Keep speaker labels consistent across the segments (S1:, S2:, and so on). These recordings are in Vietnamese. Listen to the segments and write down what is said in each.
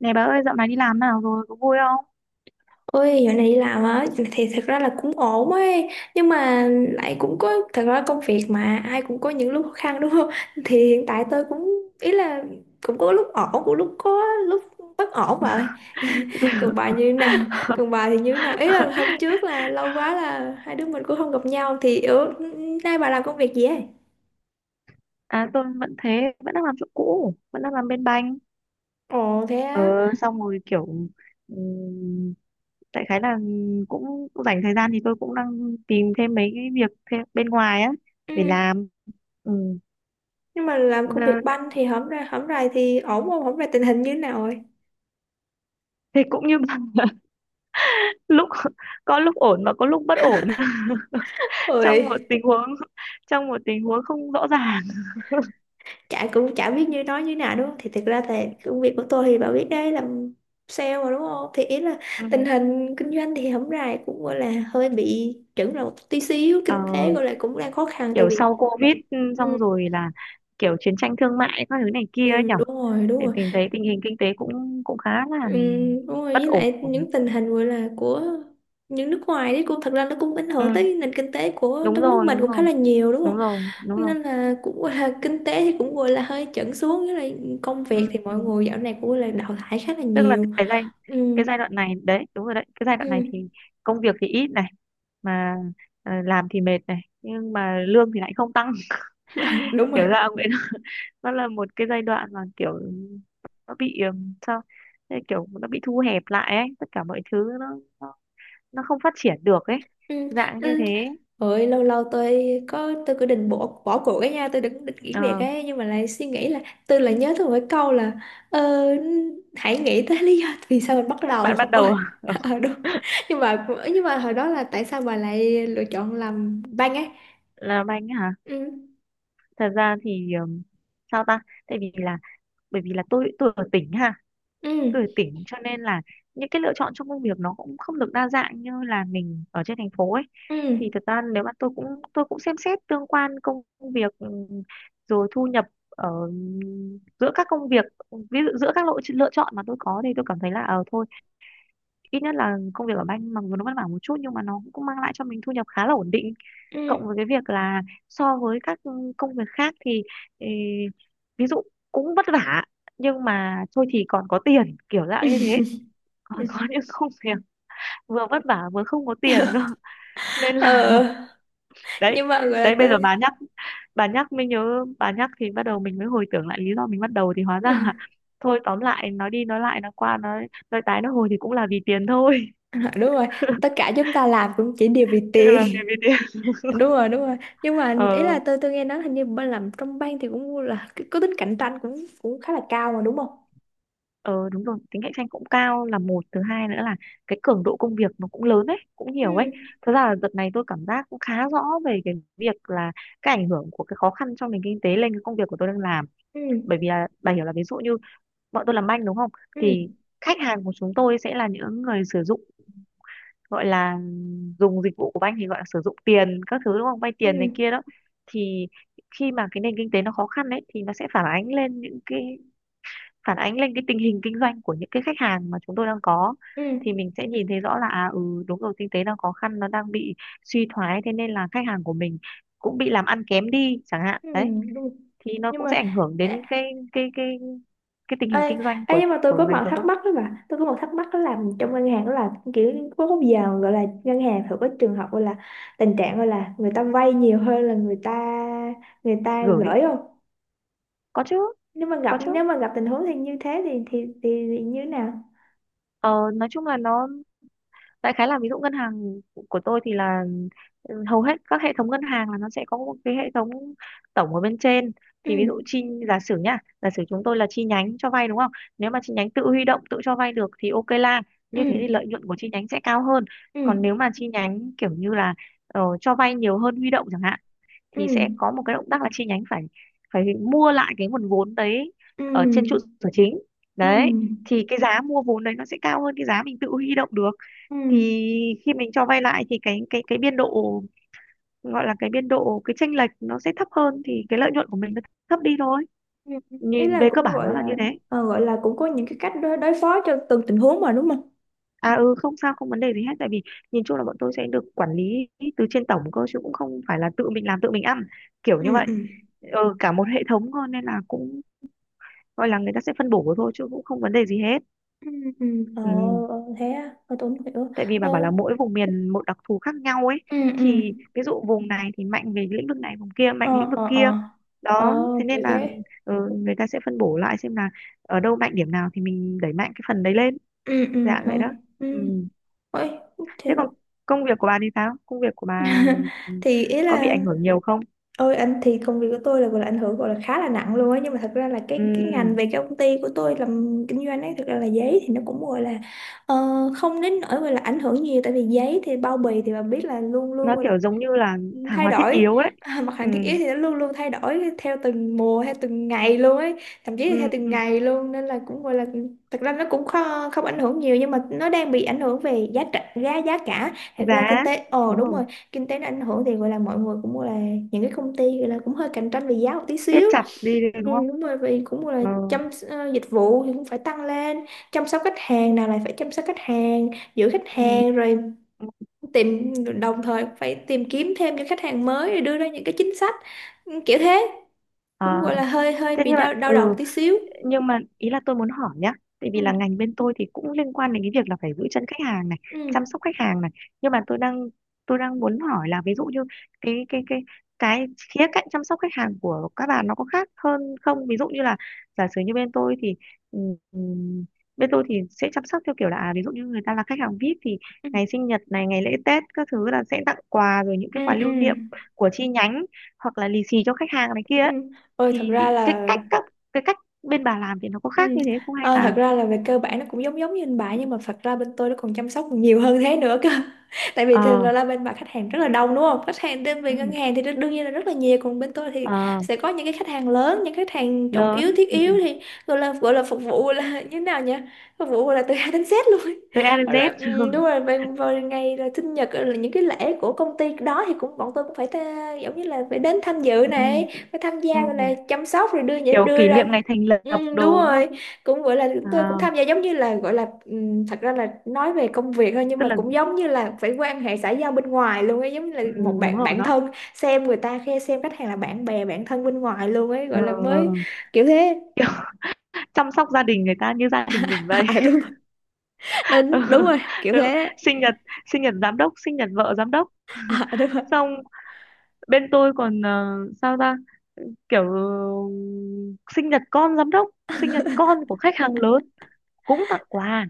S1: Này bà ơi, dạo này đi làm nào rồi, có vui không?
S2: Ôi, dạo này đi làm á thì thật ra là cũng ổn ấy, nhưng mà lại cũng có thật ra công việc mà ai cũng có những lúc khó khăn đúng không? Thì hiện tại tôi cũng ý là cũng có lúc ổn cũng lúc có lúc bất ổn vậy. Còn bà như nào? Còn bà thì như nào, ý là hôm trước là lâu quá là hai đứa mình cũng không gặp nhau, thì ở nay bà làm công việc gì ấy?
S1: À, tôi vẫn thế, vẫn đang làm chỗ cũ, vẫn đang làm bên banh.
S2: Ồ thế
S1: Ờ,
S2: á.
S1: xong rồi kiểu ừm, đại khái là cũng dành thời gian thì tôi cũng đang tìm thêm mấy cái việc thêm bên ngoài á
S2: Ừ.
S1: để làm. Ừ.
S2: Nhưng mà làm
S1: Ờ,
S2: công việc banh thì hổng ra hổng rày thì ổn không, hổng rày tình hình như thế nào rồi?
S1: thì cũng như bà lúc có lúc ổn và có lúc bất ổn. Trong một
S2: Ôi,
S1: tình huống, không rõ ràng.
S2: chả cũng chả biết như nói như nào đúng không, thì thực ra thì công việc của tôi thì bà biết đấy, làm sale mà đúng không, thì ý là tình
S1: Ừ,
S2: hình kinh doanh thì hổng rày cũng gọi là hơi bị chững là một tí xíu,
S1: ờ,
S2: kinh tế gọi là cũng đang khó khăn tại
S1: kiểu
S2: vì
S1: sau Covid, ừ, xong
S2: ừ,
S1: rồi là kiểu chiến tranh thương mại các thứ này kia ấy
S2: ừ,
S1: nhở.
S2: đúng rồi đúng
S1: Thì
S2: rồi.
S1: mình thấy tình hình kinh tế cũng cũng khá là
S2: Ừ, đúng rồi,
S1: bất
S2: với
S1: ổn.
S2: lại những tình hình gọi là của những nước ngoài đấy cũng thật ra nó cũng ảnh hưởng
S1: Ừ.
S2: tới nền kinh tế của
S1: Đúng
S2: đất nước
S1: rồi,
S2: mình
S1: đúng
S2: cũng khá
S1: rồi.
S2: là nhiều đúng không,
S1: Đúng rồi, đúng rồi.
S2: nên là cũng gọi là kinh tế thì cũng gọi là hơi chững xuống, với lại công việc
S1: Ừ.
S2: thì
S1: Ừ.
S2: mọi người dạo này cũng gọi là đào thải khá là
S1: Tức là
S2: nhiều. Ừ
S1: cái giai đoạn này đấy, đúng rồi đấy, cái giai đoạn này
S2: ừ
S1: thì công việc thì ít này, mà ờ, làm thì mệt này nhưng mà lương thì lại không tăng.
S2: đúng
S1: Kiểu
S2: rồi.
S1: ra nó là một cái giai đoạn mà kiểu nó bị sao. Thế kiểu nó bị thu hẹp lại ấy, tất cả mọi thứ nó nó, nó không phát triển được ấy,
S2: Ừ
S1: dạng như
S2: ừ.
S1: thế.
S2: Ôi, lâu lâu tôi có, tôi cứ định bỏ bỏ cuộc cái nha, tôi định định nghỉ
S1: Ờ,
S2: việc ấy, nhưng mà lại suy nghĩ là tôi lại nhớ tôi một cái câu là ờ, hãy nghĩ tới lý do vì sao mình bắt đầu.
S1: bạn ban
S2: Ôi.
S1: đầu.
S2: Ờ đúng. Nhưng mà, nhưng mà hồi đó là tại sao bà lại lựa chọn làm banh ấy?
S1: Là anh hả?
S2: Ừ.
S1: Thật ra thì sao ta, tại vì là, bởi vì là tôi ở tỉnh ha,
S2: Ừ.
S1: tuổi tỉnh cho nên là những cái lựa chọn trong công việc nó cũng không được đa dạng như là mình ở trên thành phố ấy. Thì
S2: Ừ.
S1: thật ra nếu mà tôi cũng xem xét tương quan công việc, rồi thu nhập ở giữa các công việc, ví dụ giữa các lựa chọn mà tôi có, thì tôi cảm thấy là ờ thôi, ít nhất là công việc ở banh mặc dù nó vất vả một chút nhưng mà nó cũng mang lại cho mình thu nhập khá là ổn định. Cộng
S2: Ừ.
S1: với cái việc là so với các công việc khác thì ê, ví dụ cũng vất vả nhưng mà thôi thì còn có tiền, kiểu dạng như thế. Ờ, có
S2: Ừ.
S1: những công việc vừa vất vả vừa không có tiền cơ nên là
S2: Ờ
S1: đấy.
S2: nhưng mà gọi
S1: Đấy
S2: là
S1: bây
S2: tôi
S1: giờ bà nhắc, mới nhớ, bà nhắc thì bắt đầu mình mới hồi tưởng lại lý do mình bắt đầu thì hóa ra là thôi tóm lại, nói đi nói lại, nói qua nói tái nói hồi thì cũng là vì tiền thôi.
S2: đúng rồi, tất cả chúng ta làm cũng chỉ đều vì
S1: Tự làm việc
S2: tiền.
S1: vì tiền.
S2: Đúng rồi đúng rồi. Nhưng mà ý
S1: Ờ,
S2: là tôi nghe nói hình như bên làm trong ban thì cũng là cái- có tính cạnh tranh cũng cũng khá là cao mà đúng không?
S1: ờ đúng rồi, tính cạnh tranh cũng cao là một, thứ hai nữa là cái cường độ công việc nó cũng lớn ấy, cũng nhiều ấy.
S2: Ừ
S1: Thật ra là đợt này tôi cảm giác cũng khá rõ về cái việc là cái ảnh hưởng của cái khó khăn trong nền kinh tế lên cái công việc của tôi đang làm.
S2: ừ.
S1: Bởi vì là bà hiểu là ví dụ như bọn tôi làm banh đúng không, thì
S2: Ừ
S1: khách hàng của chúng tôi sẽ là những người sử dụng, gọi là dùng dịch vụ của banh, thì gọi là sử dụng tiền các thứ đúng không, vay tiền này
S2: ừ.
S1: kia đó. Thì khi mà cái nền kinh tế nó khó khăn đấy thì nó sẽ phản ánh lên những cái, phản ánh lên cái tình hình kinh doanh của những cái khách hàng mà chúng tôi đang có. Thì
S2: Ừ
S1: mình sẽ nhìn thấy rõ là à, ừ đúng rồi, kinh tế đang khó khăn, nó đang bị suy thoái, thế nên là khách hàng của mình cũng bị làm ăn kém đi chẳng hạn
S2: ừ
S1: đấy.
S2: đúng.
S1: Thì nó
S2: Nhưng
S1: cũng
S2: mà
S1: sẽ ảnh hưởng
S2: ê,
S1: đến cái cái cái cái tình
S2: ê,
S1: hình kinh doanh
S2: ê,
S1: của
S2: nhưng mà tôi có
S1: ngành
S2: một
S1: chúng
S2: thắc
S1: tôi.
S2: mắc đó, mà tôi có một thắc mắc đó là trong ngân hàng đó là kiểu có bao giờ gọi là ngân hàng thường có trường hợp gọi là tình trạng gọi là người ta vay nhiều hơn là người ta, người ta
S1: Gửi,
S2: gửi không?
S1: có chứ.
S2: Nếu mà gặp,
S1: Có chứ.
S2: nếu mà gặp tình huống thì như thế thì thì như thế nào?
S1: Ờ, nói chung là nó đại khái là, ví dụ ngân hàng của tôi thì là ừ, hầu hết các hệ thống ngân hàng là nó sẽ có một cái hệ thống tổng ở bên trên. Thì ví dụ
S2: Ừ
S1: giả sử nhá, giả sử chúng tôi là chi nhánh cho vay đúng không, nếu mà chi nhánh tự huy động tự cho vay được thì ok, là
S2: ừ.
S1: như thế thì lợi nhuận của chi nhánh sẽ cao hơn.
S2: Ừ
S1: Còn nếu mà chi nhánh kiểu như là ờ, cho vay nhiều hơn huy động chẳng hạn, thì sẽ
S2: ừ.
S1: có một cái động tác là chi nhánh phải phải mua lại cái nguồn vốn đấy ở trên trụ
S2: Ừ
S1: sở chính
S2: ừ.
S1: đấy. Thì cái giá mua vốn đấy nó sẽ cao hơn cái giá mình tự huy động được. Thì
S2: Ừ
S1: khi mình cho vay lại thì cái biên độ, gọi là cái biên độ, cái chênh lệch nó sẽ thấp hơn, thì cái lợi nhuận của mình nó thấp đi thôi.
S2: ừ. Ý
S1: Nhìn
S2: là
S1: về cơ
S2: cũng
S1: bản
S2: gọi
S1: nó là như
S2: là
S1: thế.
S2: ờ, gọi là cũng có những cái cách đối phó cho từng tình huống mà đúng không?
S1: À ừ, không sao, không vấn đề gì hết, tại vì nhìn chung là bọn tôi sẽ được quản lý từ trên tổng cơ, chứ cũng không phải là tự mình làm tự mình ăn kiểu như
S2: Ừ
S1: vậy.
S2: ừ.
S1: Ừ, cả một hệ thống cơ nên là cũng gọi là người ta sẽ phân bổ thôi chứ cũng không vấn đề gì hết.
S2: Ừ ừ. Ờ
S1: Ừ.
S2: ờ, thế à, ờ, tôi không hiểu.
S1: Tại vì
S2: Ờ.
S1: bà bảo là mỗi vùng miền một đặc thù khác nhau ấy,
S2: Ừ ừ.
S1: thì ví dụ vùng này thì mạnh về lĩnh vực này, vùng kia mạnh
S2: Ờ
S1: lĩnh vực
S2: ờ ờ.
S1: kia.
S2: Ờ
S1: Đó thế nên
S2: kiểu
S1: là
S2: thế.
S1: ừ, người ta sẽ phân bổ lại xem là ở đâu mạnh điểm nào thì mình đẩy mạnh cái phần đấy lên.
S2: Ừ ừ.
S1: Dạ
S2: Ờ.
S1: vậy đó.
S2: Ừ.
S1: Ừ.
S2: Ôi,
S1: Thế
S2: thế
S1: còn công việc của bà thì sao, công việc của bà
S2: thì ý
S1: có bị
S2: là
S1: ảnh hưởng nhiều không?
S2: Ôi anh, thì công việc của tôi là gọi là ảnh hưởng gọi là khá là nặng luôn á, nhưng mà thật ra là
S1: Ừ.
S2: cái ngành về cái công ty của tôi làm kinh doanh ấy, thật ra là giấy thì nó cũng gọi là ờ, không đến nỗi gọi là ảnh hưởng nhiều, tại vì giấy thì bao bì thì bạn biết là luôn
S1: Nó
S2: luôn
S1: kiểu giống như là hàng
S2: thay
S1: hóa thiết
S2: đổi.
S1: yếu đấy.
S2: À, mặt
S1: Ừ.
S2: hàng thiết yếu thì nó luôn luôn thay đổi theo từng mùa theo từng ngày luôn ấy, thậm chí là theo từng
S1: Ừ.
S2: ngày luôn, nên là cũng gọi là thật ra nó cũng không, không ảnh hưởng nhiều, nhưng mà nó đang bị ảnh hưởng về giá cả, giá giá cả thật ra kinh
S1: Giá,
S2: tế ồ
S1: đúng
S2: đúng
S1: rồi,
S2: rồi, kinh tế nó ảnh hưởng thì gọi là mọi người cũng gọi là những cái công ty gọi là cũng hơi cạnh tranh về giá một tí
S1: siết
S2: xíu.
S1: chặt đi đấy,
S2: Ừ,
S1: đúng không.
S2: đúng rồi, vì cũng gọi là
S1: Ừ.
S2: chăm dịch vụ thì cũng phải tăng lên, chăm sóc khách hàng nào lại phải chăm sóc khách hàng, giữ khách
S1: Ừ.
S2: hàng rồi tìm, đồng thời phải tìm kiếm thêm những khách hàng mới để đưa ra những cái chính sách. Ừ, kiểu thế, cũng
S1: À,
S2: gọi là hơi hơi
S1: thế
S2: bị
S1: nhưng mà
S2: đau đau đầu
S1: ừ,
S2: tí xíu.
S1: nhưng mà ý là tôi muốn hỏi nhá, tại vì
S2: Ừ
S1: là ngành bên tôi thì cũng liên quan đến cái việc là phải giữ chân khách hàng này,
S2: ừ.
S1: chăm sóc khách hàng này. Nhưng mà tôi đang muốn hỏi là ví dụ như cái cái cái cái khía cạnh chăm sóc khách hàng của các bạn nó có khác hơn không, ví dụ như là giả sử như bên tôi thì ừ, ừ, bên tôi thì sẽ chăm sóc theo kiểu là à, ví dụ như người ta là khách hàng VIP thì
S2: Ừ
S1: ngày sinh nhật này, ngày lễ Tết các thứ là sẽ tặng quà, rồi những
S2: ừ.
S1: cái quà
S2: Ừ
S1: lưu niệm của chi nhánh, hoặc là lì xì cho khách hàng này
S2: ừ.
S1: kia ấy.
S2: Ừ. Ôi thật
S1: Thì
S2: ra
S1: cái
S2: là
S1: cách các cái cách bên bà làm thì nó có
S2: Ừ.
S1: khác như thế không hay
S2: Ờ,
S1: là
S2: thật ra là về cơ bản nó cũng giống giống như bên bà, nhưng mà thật ra bên tôi nó còn chăm sóc nhiều hơn thế nữa cơ. Tại vì thường
S1: ờ,
S2: là bên bà khách hàng rất là đông đúng không, khách hàng đến về
S1: ừ,
S2: ngân hàng thì đương đương nhiên là rất là nhiều, còn bên tôi thì
S1: ờ
S2: sẽ có những cái khách hàng lớn, những khách hàng trọng
S1: lớn,
S2: yếu thiết
S1: ừ,
S2: yếu thì gọi là phục vụ là như thế nào nhỉ, phục vụ là từ A đến Z luôn.
S1: từ A đến
S2: Rồi, ừ,
S1: Z.
S2: đúng rồi, về, về ngày là sinh nhật ờ, là những cái lễ của công ty đó thì cũng bọn tôi cũng phải ta, giống như là phải đến tham dự
S1: Ừ,
S2: này, phải tham gia, rồi là
S1: ừ,
S2: chăm sóc, rồi đưa
S1: kiểu
S2: đưa
S1: kỷ niệm
S2: ra
S1: ngày thành lập
S2: Ừ, đúng
S1: đồ đúng
S2: rồi,
S1: không.
S2: cũng gọi là
S1: À,
S2: tôi cũng tham gia giống như là gọi là thật ra là nói về công việc thôi, nhưng
S1: tức
S2: mà
S1: là
S2: cũng giống như là phải quan hệ xã giao bên ngoài luôn ấy, giống như là
S1: ừ,
S2: một
S1: đúng
S2: bạn
S1: rồi
S2: bạn
S1: đó,
S2: thân, xem người ta khe xem khách hàng là bạn bè bạn thân bên ngoài luôn ấy,
S1: ờ,
S2: gọi là
S1: ờ.
S2: mới kiểu thế.
S1: Kiểu chăm sóc gia đình người ta như gia đình mình vậy.
S2: À, đúng rồi. Nên- đúng rồi kiểu
S1: Ừ,
S2: thế.
S1: sinh nhật giám đốc, sinh nhật vợ giám đốc.
S2: À, đúng rồi
S1: Xong bên tôi còn ờ, sao ta, kiểu sinh nhật con giám đốc, sinh nhật con của khách hàng lớn cũng tặng quà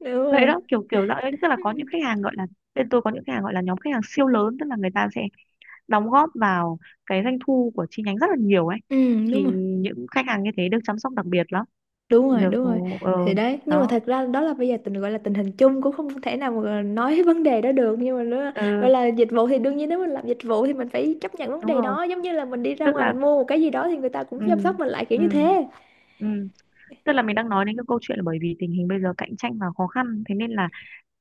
S2: đúng
S1: vậy
S2: rồi.
S1: đó, kiểu kiểu dạng ấy. Tức là có những khách hàng gọi là, bên tôi có những khách hàng gọi là nhóm khách hàng siêu lớn, tức là người ta sẽ đóng góp vào cái doanh thu của chi nhánh rất là nhiều ấy.
S2: Ừ, đúng
S1: Thì
S2: rồi
S1: những khách hàng như thế được chăm sóc đặc biệt lắm,
S2: đúng rồi
S1: được
S2: đúng rồi.
S1: ờ
S2: Thì đấy, nhưng mà
S1: đó.
S2: thật ra đó là bây giờ tình gọi là tình hình chung cũng không thể nào mà nói vấn đề đó được, nhưng mà nó
S1: Ừ,
S2: gọi là dịch vụ thì đương nhiên, nếu mình làm dịch vụ thì mình phải chấp nhận vấn
S1: đúng
S2: đề
S1: rồi,
S2: đó, giống như là mình đi ra
S1: tức
S2: ngoài
S1: là
S2: mình mua một cái gì đó thì người ta cũng
S1: ừ,
S2: chăm sóc mình lại kiểu như
S1: ừ,
S2: thế.
S1: ừ. Tức là mình đang nói đến cái câu chuyện là bởi vì tình hình bây giờ cạnh tranh và khó khăn thế nên là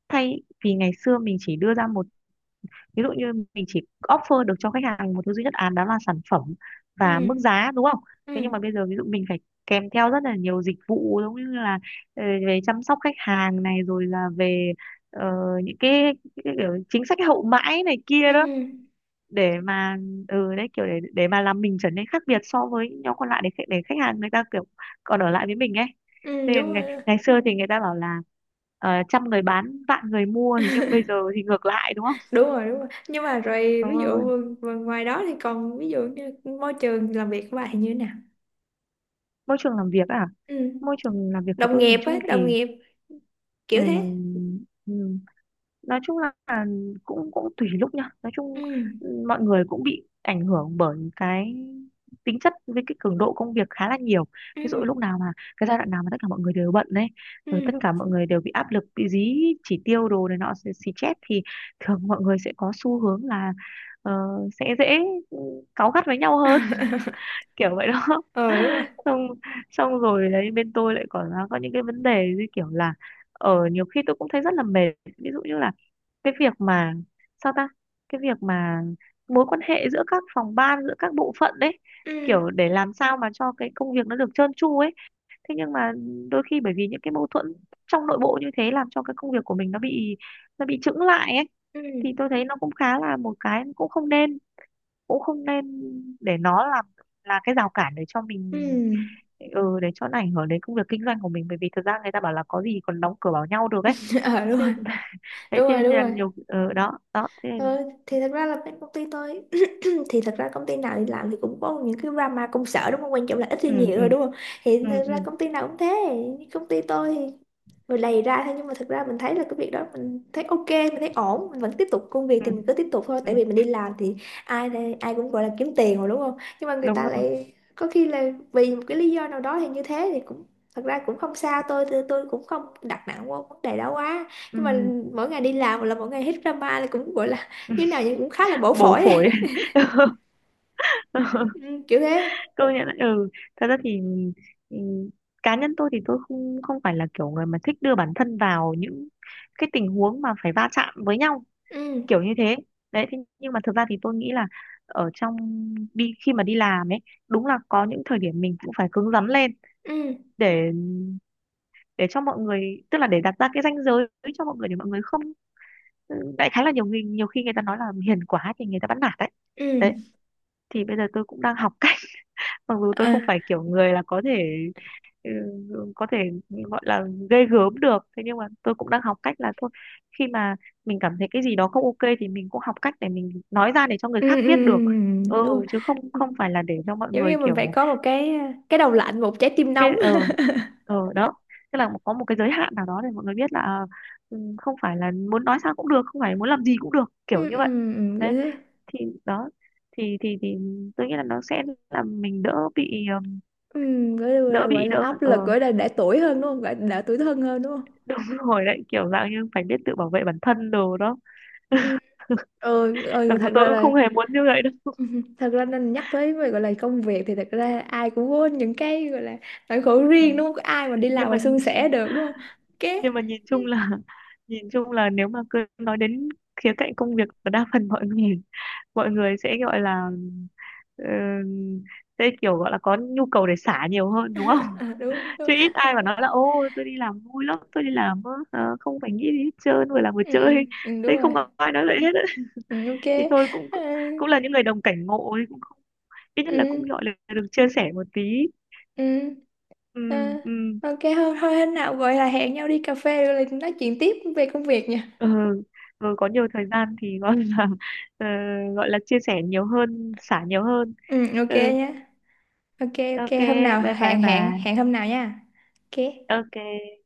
S1: thay vì ngày xưa mình chỉ đưa ra một, ví dụ như mình chỉ offer được cho khách hàng một thứ duy nhất án, đó là sản phẩm
S2: Ừ
S1: và mức giá đúng không. Thế
S2: ừ.
S1: nhưng mà bây giờ ví dụ mình phải kèm theo rất là nhiều dịch vụ, giống như là ờ, về chăm sóc khách hàng này, rồi là về ờ, những cái, cái kiểu chính sách hậu mãi này
S2: Ừ
S1: kia đó, để mà ừ đấy kiểu để mà làm mình trở nên khác biệt so với những nhóm còn lại, để để khách hàng người ta kiểu còn ở lại với mình ấy.
S2: ừ
S1: Thế
S2: đúng rồi
S1: ngày xưa thì người ta bảo là ờ, trăm người bán vạn người mua, thế nhưng bây giờ thì ngược lại đúng không.
S2: đúng rồi đúng rồi. Nhưng mà rồi
S1: Ừ,
S2: ví dụ ngoài đó thì còn ví dụ như môi trường làm việc của bạn thì như thế nào?
S1: môi trường làm việc à,
S2: Ừ,
S1: môi trường làm việc của
S2: đồng
S1: tôi nhìn
S2: nghiệp á,
S1: chung
S2: đồng
S1: thì
S2: nghiệp kiểu thế.
S1: ừm, ừm, nói chung là cũng cũng tùy lúc nha. Nói
S2: Ừ
S1: chung mọi người cũng bị ảnh hưởng bởi cái tính chất với cái cường độ công việc khá là nhiều. Ví dụ
S2: ừ.
S1: lúc nào mà cái giai đoạn nào mà tất cả mọi người đều bận đấy,
S2: Ừ
S1: rồi tất cả mọi người đều bị áp lực, bị dí chỉ tiêu đồ này nọ xì xì chét thì thường mọi người sẽ có xu hướng là ờ, sẽ dễ ừ, cáu gắt với nhau hơn, kiểu vậy đó.
S2: ờ đúng rồi.
S1: xong xong rồi đấy, bên tôi lại còn có những cái vấn đề như kiểu là ở nhiều khi tôi cũng thấy rất là mệt, ví dụ như là cái việc mà sao ta, cái việc mà mối quan hệ giữa các phòng ban, giữa các bộ phận đấy,
S2: Ừ
S1: kiểu để làm sao mà cho cái công việc nó được trơn tru ấy. Thế nhưng mà đôi khi bởi vì những cái mâu thuẫn trong nội bộ như thế làm cho cái công việc của mình nó bị chững lại ấy. Thì
S2: ừ.
S1: tôi thấy nó cũng khá là một cái, cũng không nên, cũng không nên để nó làm là cái rào cản để cho
S2: Ừ
S1: mình, ừ, để cho nó ảnh hưởng đến công việc kinh doanh của mình. Bởi vì thực ra người ta bảo là có gì còn đóng cửa bảo nhau được ấy.
S2: ờ đúng
S1: Thế
S2: rồi
S1: nên- đấy
S2: đúng
S1: thế
S2: rồi
S1: nên
S2: đúng
S1: là
S2: rồi.
S1: nhiều, ừ, đó đó thế
S2: Ờ,
S1: nên,
S2: thì thật ra là bên công ty tôi thì thật ra công ty nào đi làm thì cũng có những cái drama công sở đúng không, quan trọng là ít hay
S1: ừ,
S2: nhiều
S1: ừ,
S2: thôi đúng không, thì
S1: ừ,
S2: thật ra
S1: ừ,
S2: công ty nào cũng thế. Như công ty tôi thì rồi lầy ra thôi, nhưng mà thật ra mình thấy là cái việc đó mình thấy ok, mình thấy ổn, mình vẫn tiếp tục công việc
S1: ừ,
S2: thì mình cứ tiếp tục thôi,
S1: ừ,
S2: tại vì mình đi làm thì- ai cũng gọi là kiếm tiền rồi đúng không, nhưng mà người
S1: đúng
S2: ta
S1: rồi.
S2: lại có khi là vì một cái lý do nào đó thì như thế, thì cũng thật ra cũng không sao, tôi cũng không đặt nặng vô vấn đề đó quá. Nhưng mà
S1: Ừ.
S2: mỗi ngày đi làm là mỗi ngày hết drama là cũng gọi là như nào vậy, cũng khá là bổ
S1: Bổ
S2: phổi.
S1: phổi.
S2: Ừ, kiểu thế.
S1: Công nhận đấy, ừ. Thật ra thì, ừ, cá nhân tôi thì tôi không không phải là kiểu người mà thích đưa bản thân vào những cái tình huống mà phải va chạm với nhau,
S2: Ừ
S1: kiểu như thế đấy. Thế nhưng mà thực ra thì tôi nghĩ là ở trong đi khi mà đi làm ấy, đúng là có những thời điểm mình cũng phải cứng rắn lên,
S2: ừ.
S1: để để cho mọi người, tức là để đặt ra cái ranh giới cho mọi người, để mọi người không, ừ, đại khái là nhiều người nhiều khi người ta nói là hiền quá thì người ta bắt nạt đấy. Đấy,
S2: Ừ
S1: thì bây giờ tôi cũng đang học cách, mặc dù tôi
S2: à
S1: không phải kiểu người là có thể, ừ, ừ, có thể gọi là ghê gớm được. Thế nhưng mà tôi cũng đang học cách là thôi, khi mà mình cảm thấy cái gì đó không ok thì mình cũng học cách để mình nói ra để cho người
S2: ừ,
S1: khác
S2: ừ, ừ,
S1: biết được.
S2: đúng
S1: Ừ,
S2: rồi.
S1: chứ không không phải là để cho mọi
S2: Giống
S1: người
S2: như mình phải
S1: kiểu,
S2: có một cái đầu lạnh một trái tim
S1: cái
S2: nóng.
S1: ờ ờ đó tức là có một cái giới hạn nào đó để mọi người biết là à, ừ, không phải là muốn nói sao cũng được, không phải muốn làm gì cũng được, kiểu
S2: Ừ
S1: như
S2: ừ.
S1: vậy.
S2: Ừ, kiểu
S1: Đấy,
S2: thế.
S1: thì đó, thì tôi nghĩ là nó sẽ làm mình đỡ bị
S2: Ừ
S1: đỡ
S2: gọi
S1: bị
S2: là
S1: đỡ
S2: áp
S1: ờ
S2: lực gọi là đã tuổi hơn đúng không, gọi là đã tuổi thân hơn đúng không.
S1: Đúng rồi đấy, kiểu dạng như phải biết tự bảo vệ bản thân đồ đó.
S2: Ừ ừ, ừ
S1: Mặc dù
S2: thật
S1: tôi
S2: ra
S1: cũng
S2: là
S1: không hề muốn như vậy đâu.
S2: thật ra nên nhắc tới về gọi là công việc thì thật ra ai cũng có những cái gọi là nỗi khổ
S1: Ừ.
S2: riêng đúng không, có ai mà đi làm
S1: Nhưng
S2: mà
S1: mà,
S2: suôn sẻ được đúng không. Ok.
S1: nhưng mà nhìn chung là nhìn chung là nếu mà cứ nói đến khía cạnh công việc là đa phần mọi người mọi người sẽ gọi là ờ, sẽ kiểu gọi là có nhu cầu để xả nhiều hơn đúng không.
S2: À, đúng, đúng.
S1: Chứ ít ai mà nói là ô tôi đi làm vui lắm, tôi đi làm không phải nghĩ gì hết trơn, vừa làm vừa
S2: Ừ, ừ,
S1: chơi.
S2: ừ, đúng
S1: Thế không
S2: rồi.
S1: có ai nói vậy hết.
S2: Ừ, ok.
S1: Thì tôi cũng
S2: À,
S1: cũng là những người đồng cảnh ngộ ấy, cũng không, ít nhất là cũng
S2: ừ
S1: gọi là được chia sẻ một tí.
S2: ừ
S1: Ừ,
S2: ờ,
S1: ừ,
S2: ok thôi thôi, hôm nào gọi là hẹn nhau đi cà phê rồi lại nói chuyện tiếp về công việc nha.
S1: ừ, ừ có nhiều thời gian thì gọi là ờ, gọi là chia sẻ nhiều hơn, xả nhiều hơn.
S2: Ừ
S1: Ừ,
S2: ok nhá. Ok.
S1: ok.
S2: Ok, hôm nào
S1: Bye bye
S2: hẹn
S1: bà.
S2: hẹn hẹn hôm nào nha. Ok.
S1: Ok.